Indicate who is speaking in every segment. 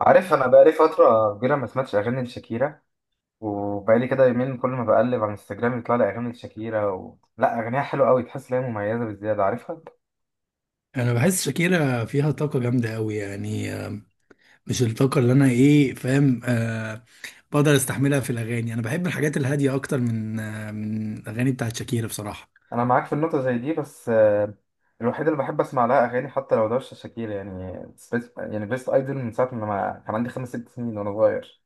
Speaker 1: عارف انا بقالي فتره كبيره ما سمعتش اغاني لشاكيرا. وبقالي كده يومين، كل ما بقلب على انستجرام يطلع لي اغاني لشاكيرا لا، اغانيها حلوه قوي، تحس ان هي مميزه بزياده، عارفها.
Speaker 2: انا بحس شاكيرا فيها طاقه جامده قوي يعني مش الطاقه اللي انا ايه فاهم. بقدر استحملها في الاغاني. انا بحب الحاجات الهاديه اكتر من من الاغاني بتاعت شاكيرا بصراحه.
Speaker 1: انا معاك في النقطه زي دي، بس الوحيده اللي بحب اسمع لها اغاني حتى لو ده مش شاكيرا، يعني بيست ايدول، من ساعه ما كان عندي 5 6 سنين وانا صغير.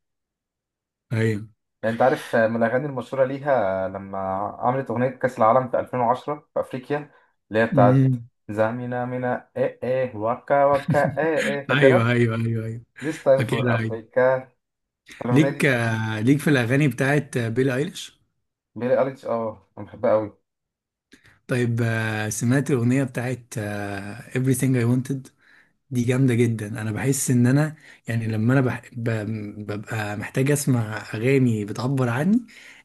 Speaker 2: ايوه.
Speaker 1: يعني انت عارف، من الاغاني المشهوره ليها لما عملت اغنيه كاس العالم في 2010 في افريقيا، اللي هي بتاعت
Speaker 2: امم
Speaker 1: زامينا مينا ايه ايه وكا وكا ايه ايه،
Speaker 2: ايوه
Speaker 1: فاكرها؟
Speaker 2: ايوه ايوه ايوه،
Speaker 1: This time for
Speaker 2: فاكرها. ايوه،
Speaker 1: Africa، الأغنية
Speaker 2: ليك
Speaker 1: دي.
Speaker 2: ليك في الاغاني بتاعت بيلي ايليش.
Speaker 1: بيلي أليكس، اه أنا بحبها أوي.
Speaker 2: طيب، سمعت الاغنيه بتاعت Everything I Wanted؟ دي جامدة جدا. انا بحس ان انا يعني لما انا ببقى محتاج اسمع اغاني بتعبر عني.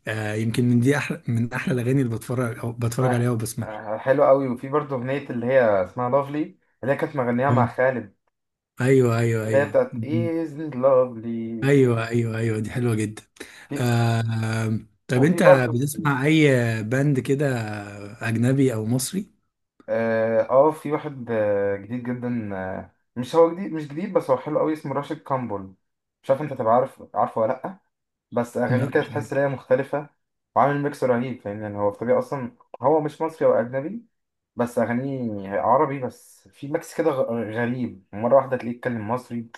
Speaker 2: يمكن من دي، احلى من احلى الاغاني اللي بتفرج أو بتفرج
Speaker 1: أنا-
Speaker 2: عليها وبسمعها.
Speaker 1: آه، حلوة أوي. وفي برضه أغنية اللي هي اسمها لافلي، اللي هي كانت مغنيها مع
Speaker 2: اه،
Speaker 1: خالد،
Speaker 2: ايوه ايوه
Speaker 1: اللي هي
Speaker 2: ايوه.
Speaker 1: بتاعت
Speaker 2: مم.
Speaker 1: isn't lovely.
Speaker 2: ايوه ايوه ايوه، دي حلوة جدا.
Speaker 1: في،
Speaker 2: آه، طب
Speaker 1: وفي
Speaker 2: انت
Speaker 1: برضه
Speaker 2: بتسمع اي باند كده، اجنبي او مصري؟
Speaker 1: اه، في واحد جديد جدا، مش جديد بس هو حلو أوي، اسمه راشد كامبول. مش عارف أنت تبقى عارف، عارفه ولا لأ، بس أغانيه
Speaker 2: لا،
Speaker 1: كانت
Speaker 2: مش عارف.
Speaker 1: تحس إن هي مختلفة وعامل ميكس رهيب، فاهم يعني؟ هو في طبيعة أصلا هو مش مصري، هو أجنبي، بس أغانيه عربي، بس في ميكس كده غريب، مرة واحدة تلاقيه يتكلم مصري.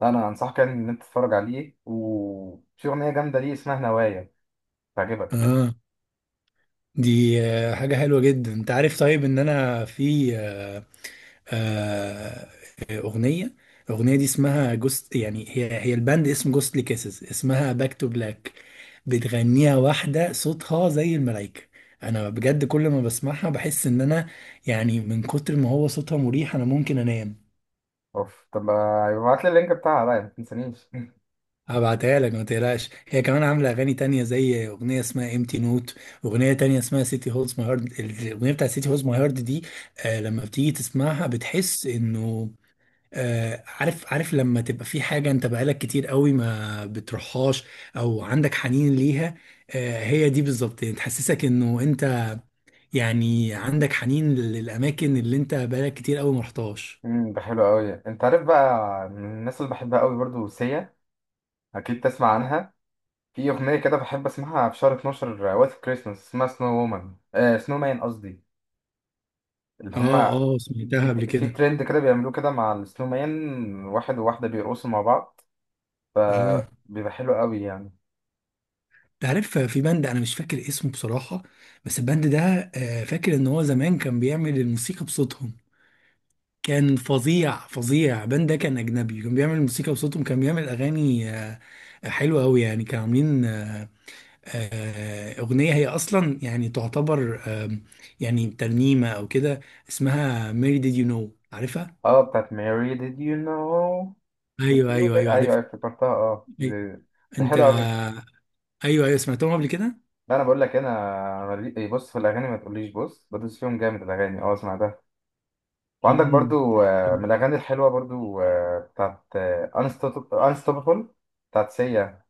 Speaker 1: لا أنا أنصحك يعني إن أنت تتفرج عليه، وفي أغنية جامدة ليه اسمها نوايا، تعجبك.
Speaker 2: اه، دي حاجة حلوة جدا. انت عارف طيب ان انا في آه، أغنية، الأغنية دي اسمها جوست، يعني هي هي الباند، اسم جوستلي كيسز، اسمها باك تو بلاك. بتغنيها واحدة صوتها زي الملايكة. أنا بجد كل ما بسمعها بحس إن أنا يعني من كتر ما هو صوتها مريح أنا ممكن أنام.
Speaker 1: أوف، طب ابعت لي اللينك بتاعها بقى، ما تنسانيش.
Speaker 2: هبعتها لك ما تقلقش، هي كمان عاملة أغاني تانية زي أغنية اسمها امتي نوت، أغنية تانية اسمها سيتي هولز ماي هارد. الأغنية بتاعت سيتي هولز ماي هارد دي آه لما بتيجي تسمعها بتحس إنه عارف، عارف لما تبقى في حاجة انت بقالك كتير قوي ما بتروحهاش او عندك حنين ليها؟ هي دي بالظبط، يعني تحسسك انه انت يعني عندك حنين للاماكن اللي انت بقالك كتير قوي ما رحتهاش.
Speaker 1: ده حلو أوي. أنت عارف بقى من الناس اللي بحبها أوي برضو؟ سيا، أكيد تسمع عنها. في أغنية كده بحب أسمعها في شهر 12 وقت كريسماس، اسمها سنو وومن، آه سنو مان قصدي، اللي
Speaker 2: اه
Speaker 1: هما.
Speaker 2: اه، سمعتها
Speaker 1: في
Speaker 2: قبل
Speaker 1: في
Speaker 2: كده.
Speaker 1: ترند كده بيعملوه كده مع السنو مان، واحد وواحدة بيرقصوا مع بعض،
Speaker 2: اه،
Speaker 1: فبيبقى حلو قوي يعني.
Speaker 2: تعرف في بند انا مش فاكر اسمه بصراحة، بس البند ده فاكر ان هو زمان كان بيعمل الموسيقى بصوتهم. كان فظيع فظيع. بان ده كان اجنبي، كان بيعمل موسيقى بصوتهم، كان بيعمل اغاني حلوه قوي. يعني كانوا عاملين اغنيه هي اصلا يعني تعتبر، يعني ترنيمه او كده، اسمها ميري ديد يو نو، عارفها؟
Speaker 1: اه، بتاعت ماري did you know
Speaker 2: ايوه ايوه ايوه،
Speaker 1: ايوه
Speaker 2: عارفها.
Speaker 1: افتكرتها، اه
Speaker 2: إيه،
Speaker 1: ده
Speaker 2: انت
Speaker 1: حلو قوي.
Speaker 2: ايوه ايوه، سمعتهم قبل كده.
Speaker 1: انا بقول لك انا بص، في الاغاني ما تقوليش بص، بدوس فيهم جامد الاغاني، اه اسمع ده. وعندك
Speaker 2: مم.
Speaker 1: برضو من الاغاني الحلوه برضو، آه، بتاعت آه، unstoppable بتاعت سيا.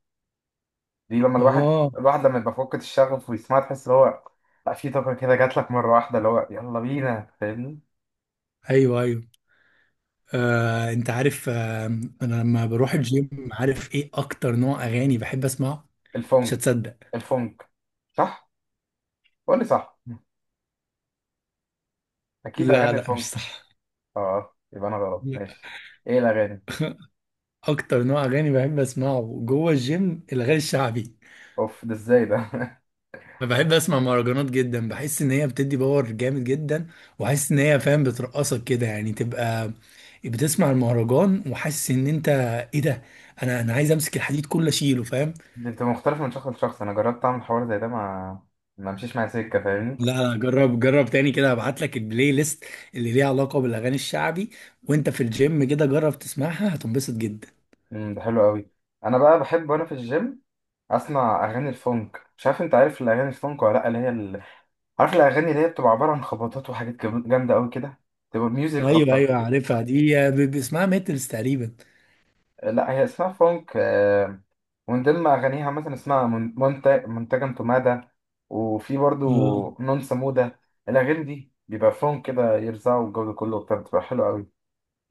Speaker 1: دي لما الواحد
Speaker 2: اه
Speaker 1: الواحد لما يبقى فقد الشغف ويسمعها، تحس ان هو، لا، في طاقه كده جات لك مره واحده اللي هو يلا بينا، فاهمني؟
Speaker 2: ايوه ايوه. انت عارف انا لما بروح الجيم عارف ايه اكتر نوع اغاني بحب اسمعه؟ مش
Speaker 1: الفونك،
Speaker 2: هتصدق.
Speaker 1: الفونك، صح؟ قول لي صح، اكيد
Speaker 2: لا
Speaker 1: اغاني
Speaker 2: لا، مش
Speaker 1: الفونك.
Speaker 2: صح.
Speaker 1: اه يبقى انا غلط، ماشي. ايه الاغاني؟
Speaker 2: اكتر نوع اغاني بحب اسمعه جوه الجيم الاغاني الشعبي.
Speaker 1: اوف، ده ازاي ده؟
Speaker 2: أنا بحب اسمع مهرجانات جدا، بحس ان هي بتدي باور جامد جدا، وحاسس ان هي فاهم بترقصك كده. يعني تبقى بتسمع المهرجان وحاسس ان انت، ايه ده، انا عايز امسك الحديد كله اشيله، فاهم؟
Speaker 1: دي بتبقى مختلفه من شخص لشخص. انا جربت اعمل حوار زي ده، ما مشيش معايا سكه، فاهمني؟
Speaker 2: لا لا، جرب جرب تاني كده. هبعت لك البلاي ليست اللي ليها علاقة بالاغاني الشعبي، وانت في الجيم كده جرب تسمعها، هتنبسط جدا.
Speaker 1: ده حلو قوي. انا بقى بحب وانا في الجيم اسمع اغاني الفونك. مش عارف انت عارف الاغاني الفونك ولا لا، اللي هي عارف الاغاني اللي هي بتبقى عباره عن خبطات وحاجات جامده قوي كده، تبقى ميوزك
Speaker 2: ايوه
Speaker 1: اكتر.
Speaker 2: ايوه، عارفها دي باسمها ميتلز تقريبا.
Speaker 1: لا هي اسمها فونك. ومن ضمن أغانيها مثلا اسمها منتجم تومادا، وفي برضو
Speaker 2: اه،
Speaker 1: نون سمودة. الأغاني دي بيبقى فيهم كده يرزعوا الجو ده كله وبتاع، بتبقى حلوة أوي.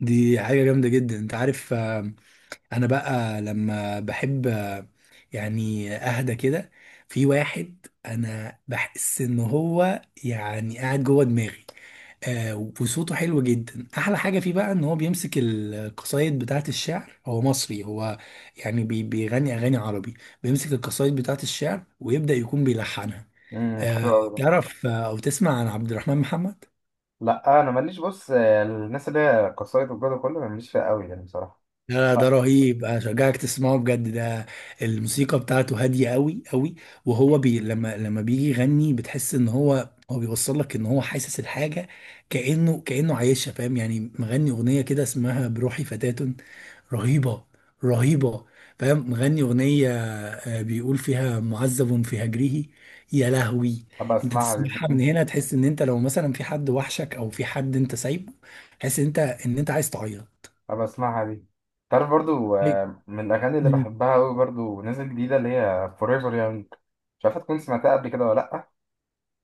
Speaker 2: دي حاجة جامدة جدا. انت عارف انا بقى لما بحب يعني اهدى كده، في واحد انا بحس ان هو يعني قاعد جوه دماغي. آه، وصوته حلو جدا. احلى حاجة فيه بقى ان هو بيمسك القصايد بتاعت الشعر. هو مصري، هو يعني بيغني اغاني عربي، بيمسك القصايد بتاعت الشعر ويبدأ يكون بيلحنها.
Speaker 1: حلوة أوي ده.
Speaker 2: تعرف او تسمع عن عبد الرحمن محمد؟
Speaker 1: لا أنا ماليش، بص الناس اللي هي قصايد والجو ده كله أنا ماليش فيها أوي يعني بصراحة،
Speaker 2: لا، ده
Speaker 1: لا.
Speaker 2: رهيب. اشجعك تسمعه بجد. ده الموسيقى بتاعته هاديه قوي قوي. وهو بي لما لما بيجي يغني بتحس ان هو، هو بيوصل لك ان هو حاسس الحاجه، كانه كانه عايشها، فاهم يعني؟ مغني اغنيه كده اسمها بروحي فتاة. رهيبه، رهيبه. فاهم؟ مغني اغنيه بيقول فيها معذب في هجره، يا لهوي.
Speaker 1: أبقى
Speaker 2: انت
Speaker 1: أسمعها دي.
Speaker 2: تسمعها من هنا تحس ان انت لو مثلا في حد وحشك او في حد انت سايبه، تحس ان انت عايز تعيط.
Speaker 1: أبقى أسمعها دي. تعرف برضو
Speaker 2: ليه؟
Speaker 1: من الأغاني اللي
Speaker 2: مم.
Speaker 1: بحبها أوي برضو نازل جديدة، اللي هي Forever Young. مش عارفة تكون سمعتها قبل كده ولا لأ،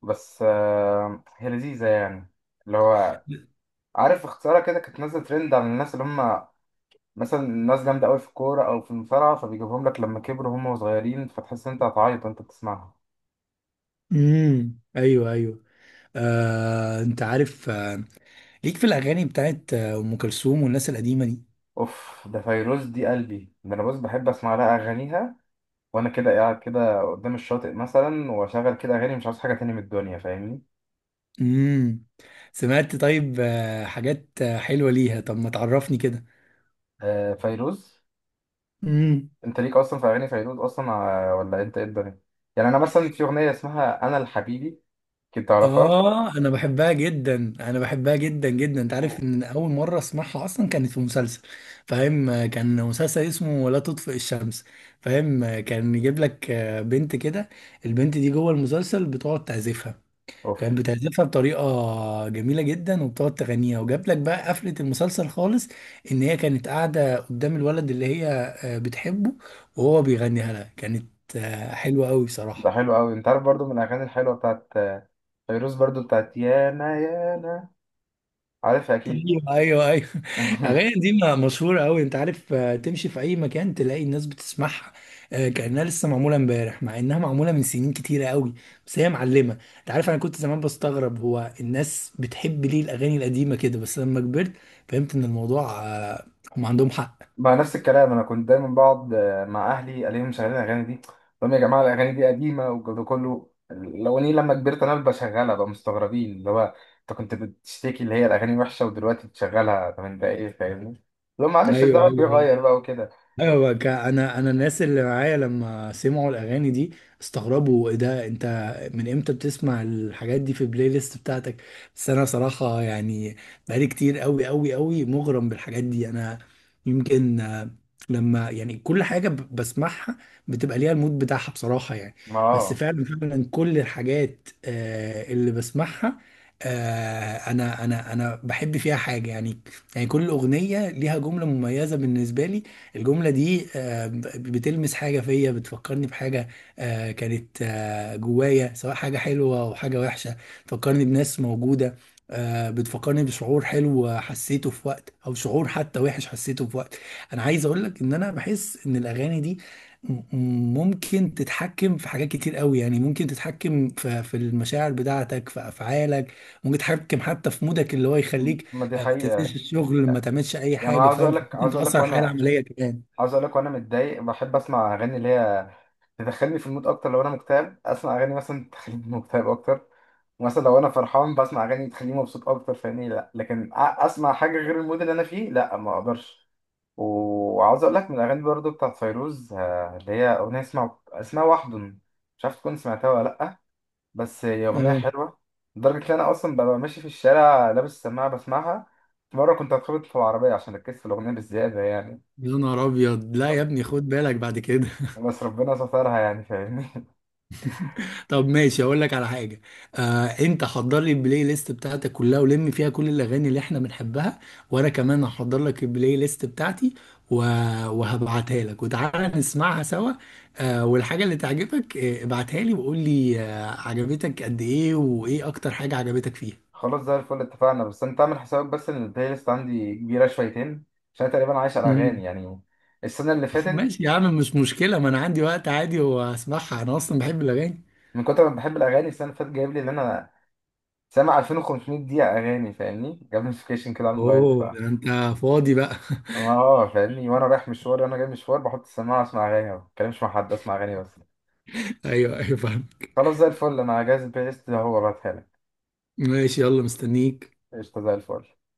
Speaker 1: بس هي لذيذة يعني. اللي هو، عارف اختصارها كده، كانت نازله ترند على الناس اللي هم مثلا ناس جامده قوي في الكوره او في المصارعه، فبيجيبهم لك لما كبروا هم صغيرين، فتحس إن انت هتعيط وانت بتسمعها.
Speaker 2: امم، ايوه ايوه. انت عارف ليك في الاغاني بتاعت ام كلثوم والناس القديمه دي؟
Speaker 1: اوف، ده فيروز، دي قلبي ده، انا بص بحب اسمع لها اغانيها وانا كده قاعد كده قدام الشاطئ مثلا، واشغل كده اغاني، مش عاوز حاجه تاني من الدنيا، فاهمني؟
Speaker 2: امم. سمعت طيب، حاجات حلوه ليها؟ طب ما تعرفني كده.
Speaker 1: آه فيروز.
Speaker 2: امم.
Speaker 1: انت ليك اصلا في اغاني فيروز اصلا، ولا انت ايه الدنيا؟ يعني انا مثلا في اغنيه اسمها انا الحبيبي، كنت تعرفها؟
Speaker 2: اه، انا بحبها جدا، انا بحبها جدا جدا. انت عارف
Speaker 1: أوه.
Speaker 2: ان اول مره اسمعها اصلا كانت في مسلسل، فاهم؟ كان مسلسل اسمه لا تطفئ الشمس، فاهم؟ كان يجيب لك بنت كده، البنت دي جوه المسلسل بتقعد تعزفها. كانت
Speaker 1: اوف
Speaker 2: بتعزفها بطريقة جميلة جدا وبتقعد تغنيها، وجاب لك بقى قفلة المسلسل خالص ان هي كانت قاعدة قدام الولد اللي هي بتحبه، وهو بيغنيها لها. كانت حلوة قوي
Speaker 1: ده
Speaker 2: بصراحة.
Speaker 1: حلو قوي. انت عارف برضو من الاغاني الحلوه بتاعت فيروز برضو بتاعت يانا يانا، عارفها اكيد.
Speaker 2: ايوه ايوه ايوه، الاغاني دي مشهوره قوي. انت عارف تمشي في اي مكان تلاقي الناس بتسمعها، كانها لسه معموله امبارح، مع انها معموله من سنين كتيره قوي، بس هي معلمه. انت عارف انا كنت زمان بستغرب هو الناس بتحب ليه الاغاني القديمه كده، بس لما كبرت فهمت ان الموضوع هم عندهم حق.
Speaker 1: مع نفس الكلام. انا كنت دايما بقعد مع اهلي الاقيهم مشغلين الاغاني دي، طب يا جماعه الاغاني دي قديمه والجو ده كله، الاغاني لما كبرت انا بشغلها بقى، مستغربين اللي هو انت كنت بتشتكي اللي هي الاغاني وحشه ودلوقتي بتشغلها، طب انت ايه، فاهمني؟ لو معلش،
Speaker 2: ايوه
Speaker 1: الزمن
Speaker 2: ايوه
Speaker 1: بيغير بقى وكده.
Speaker 2: ايوه بقى. انا الناس اللي معايا لما سمعوا الاغاني دي استغربوا: ايه ده انت، من امتى بتسمع الحاجات دي في البلاي ليست بتاعتك؟ بس انا صراحه يعني بقالي كتير قوي قوي قوي مغرم بالحاجات دي، انا يمكن لما يعني كل حاجه بسمعها بتبقى ليها المود بتاعها بصراحه يعني.
Speaker 1: ما
Speaker 2: بس
Speaker 1: اه.
Speaker 2: فعلا فعلا كل الحاجات اللي بسمعها انا بحب فيها حاجه يعني. يعني كل اغنيه ليها جمله مميزه بالنسبه لي. الجملة دي بتلمس حاجة فيا، بتفكرني بحاجة كانت جوايا، سواء حاجة حلوة أو حاجة وحشة. بتفكرني بناس موجودة، بتفكرني بشعور حلو حسيته في وقت، أو شعور حتى وحش حسيته في وقت. أنا عايز أقول لك إن أنا بحس إن الأغاني دي م- ممكن تتحكم في حاجات كتير قوي. يعني ممكن تتحكم في المشاعر بتاعتك، في أفعالك، ممكن تتحكم حتى في مودك، اللي هو يخليك
Speaker 1: ما دي
Speaker 2: ما
Speaker 1: حقيقه.
Speaker 2: تنساش الشغل، ما تعملش اي
Speaker 1: يعني انا
Speaker 2: حاجه،
Speaker 1: عاوز
Speaker 2: فاهم؟
Speaker 1: اقول لك
Speaker 2: ممكن
Speaker 1: عاوز اقول
Speaker 2: تاثر
Speaker 1: لك
Speaker 2: على الحياه
Speaker 1: وانا
Speaker 2: العمليه كمان.
Speaker 1: عاوز اقول لك وانا متضايق بحب اسمع اغاني اللي هي تدخلني في المود اكتر. لو انا مكتئب اسمع اغاني مثلا تخليني مكتئب اكتر. مثلا لو انا فرحان بسمع اغاني تخليني مبسوط اكتر، فاهمني؟ لا لكن اسمع حاجه غير المود اللي انا فيه؟ لا ما اقدرش. وعاوز اقول لك من الاغاني برضو بتاعت فيروز اللي هي اغنيه اسمها وحدن، مش عارف تكون سمعتها ولا لا، بس هي اغنيه
Speaker 2: اه،
Speaker 1: حلوه، لدرجه ان انا اصلا ببقى ماشي في الشارع لابس سماعه بسمعها. مره كنت هتخبط في العربيه عشان ركزت في الاغنيه بالزياده يعني،
Speaker 2: يا نهار ابيض، لا يا ابني خد بالك بعد كده.
Speaker 1: بس ربنا سترها يعني، فاهمني؟
Speaker 2: طب ماشي، اقول لك على حاجه. انت حضر لي البلاي ليست بتاعتك كلها ولم فيها كل الاغاني اللي احنا بنحبها، وانا كمان هحضر لك البلاي ليست بتاعتي و... وهبعتها لك، وتعالى نسمعها سوا. والحاجه اللي تعجبك ابعتها لي وقول لي عجبتك قد ايه، وايه اكتر حاجه عجبتك فيها.
Speaker 1: خلاص زي الفل اتفقنا، بس انت اعمل حسابك بس ان البلاي ليست عندي كبيره شويتين، عشان أنا تقريبا عايش على اغاني
Speaker 2: مم.
Speaker 1: يعني. السنه اللي فاتت،
Speaker 2: ماشي يا عم، مش مشكلة، ما أنا عندي وقت عادي وأسمعها، أنا أصلا بحب الأغاني.
Speaker 1: من كتر ما بحب الاغاني السنه اللي فاتت جايب لي ان انا سامع 2500 دقيقه اغاني، فاهمني؟ جاب نوتيفيكيشن كده على الموبايل. ف
Speaker 2: أوه، ده أنت فاضي بقى.
Speaker 1: اه، فاهمني؟ وانا رايح مشوار وانا جاي مشوار بحط السماعه اسمع اغاني، ما بتكلمش مع حد، اسمع اغاني بس.
Speaker 2: أيوه أيوه، فاهم.
Speaker 1: خلاص زي الفل، انا جاهز البلاي ليست ده هو، بعتها لك.
Speaker 2: ماشي يلا، مستنيك.
Speaker 1: قشطه زي الفل.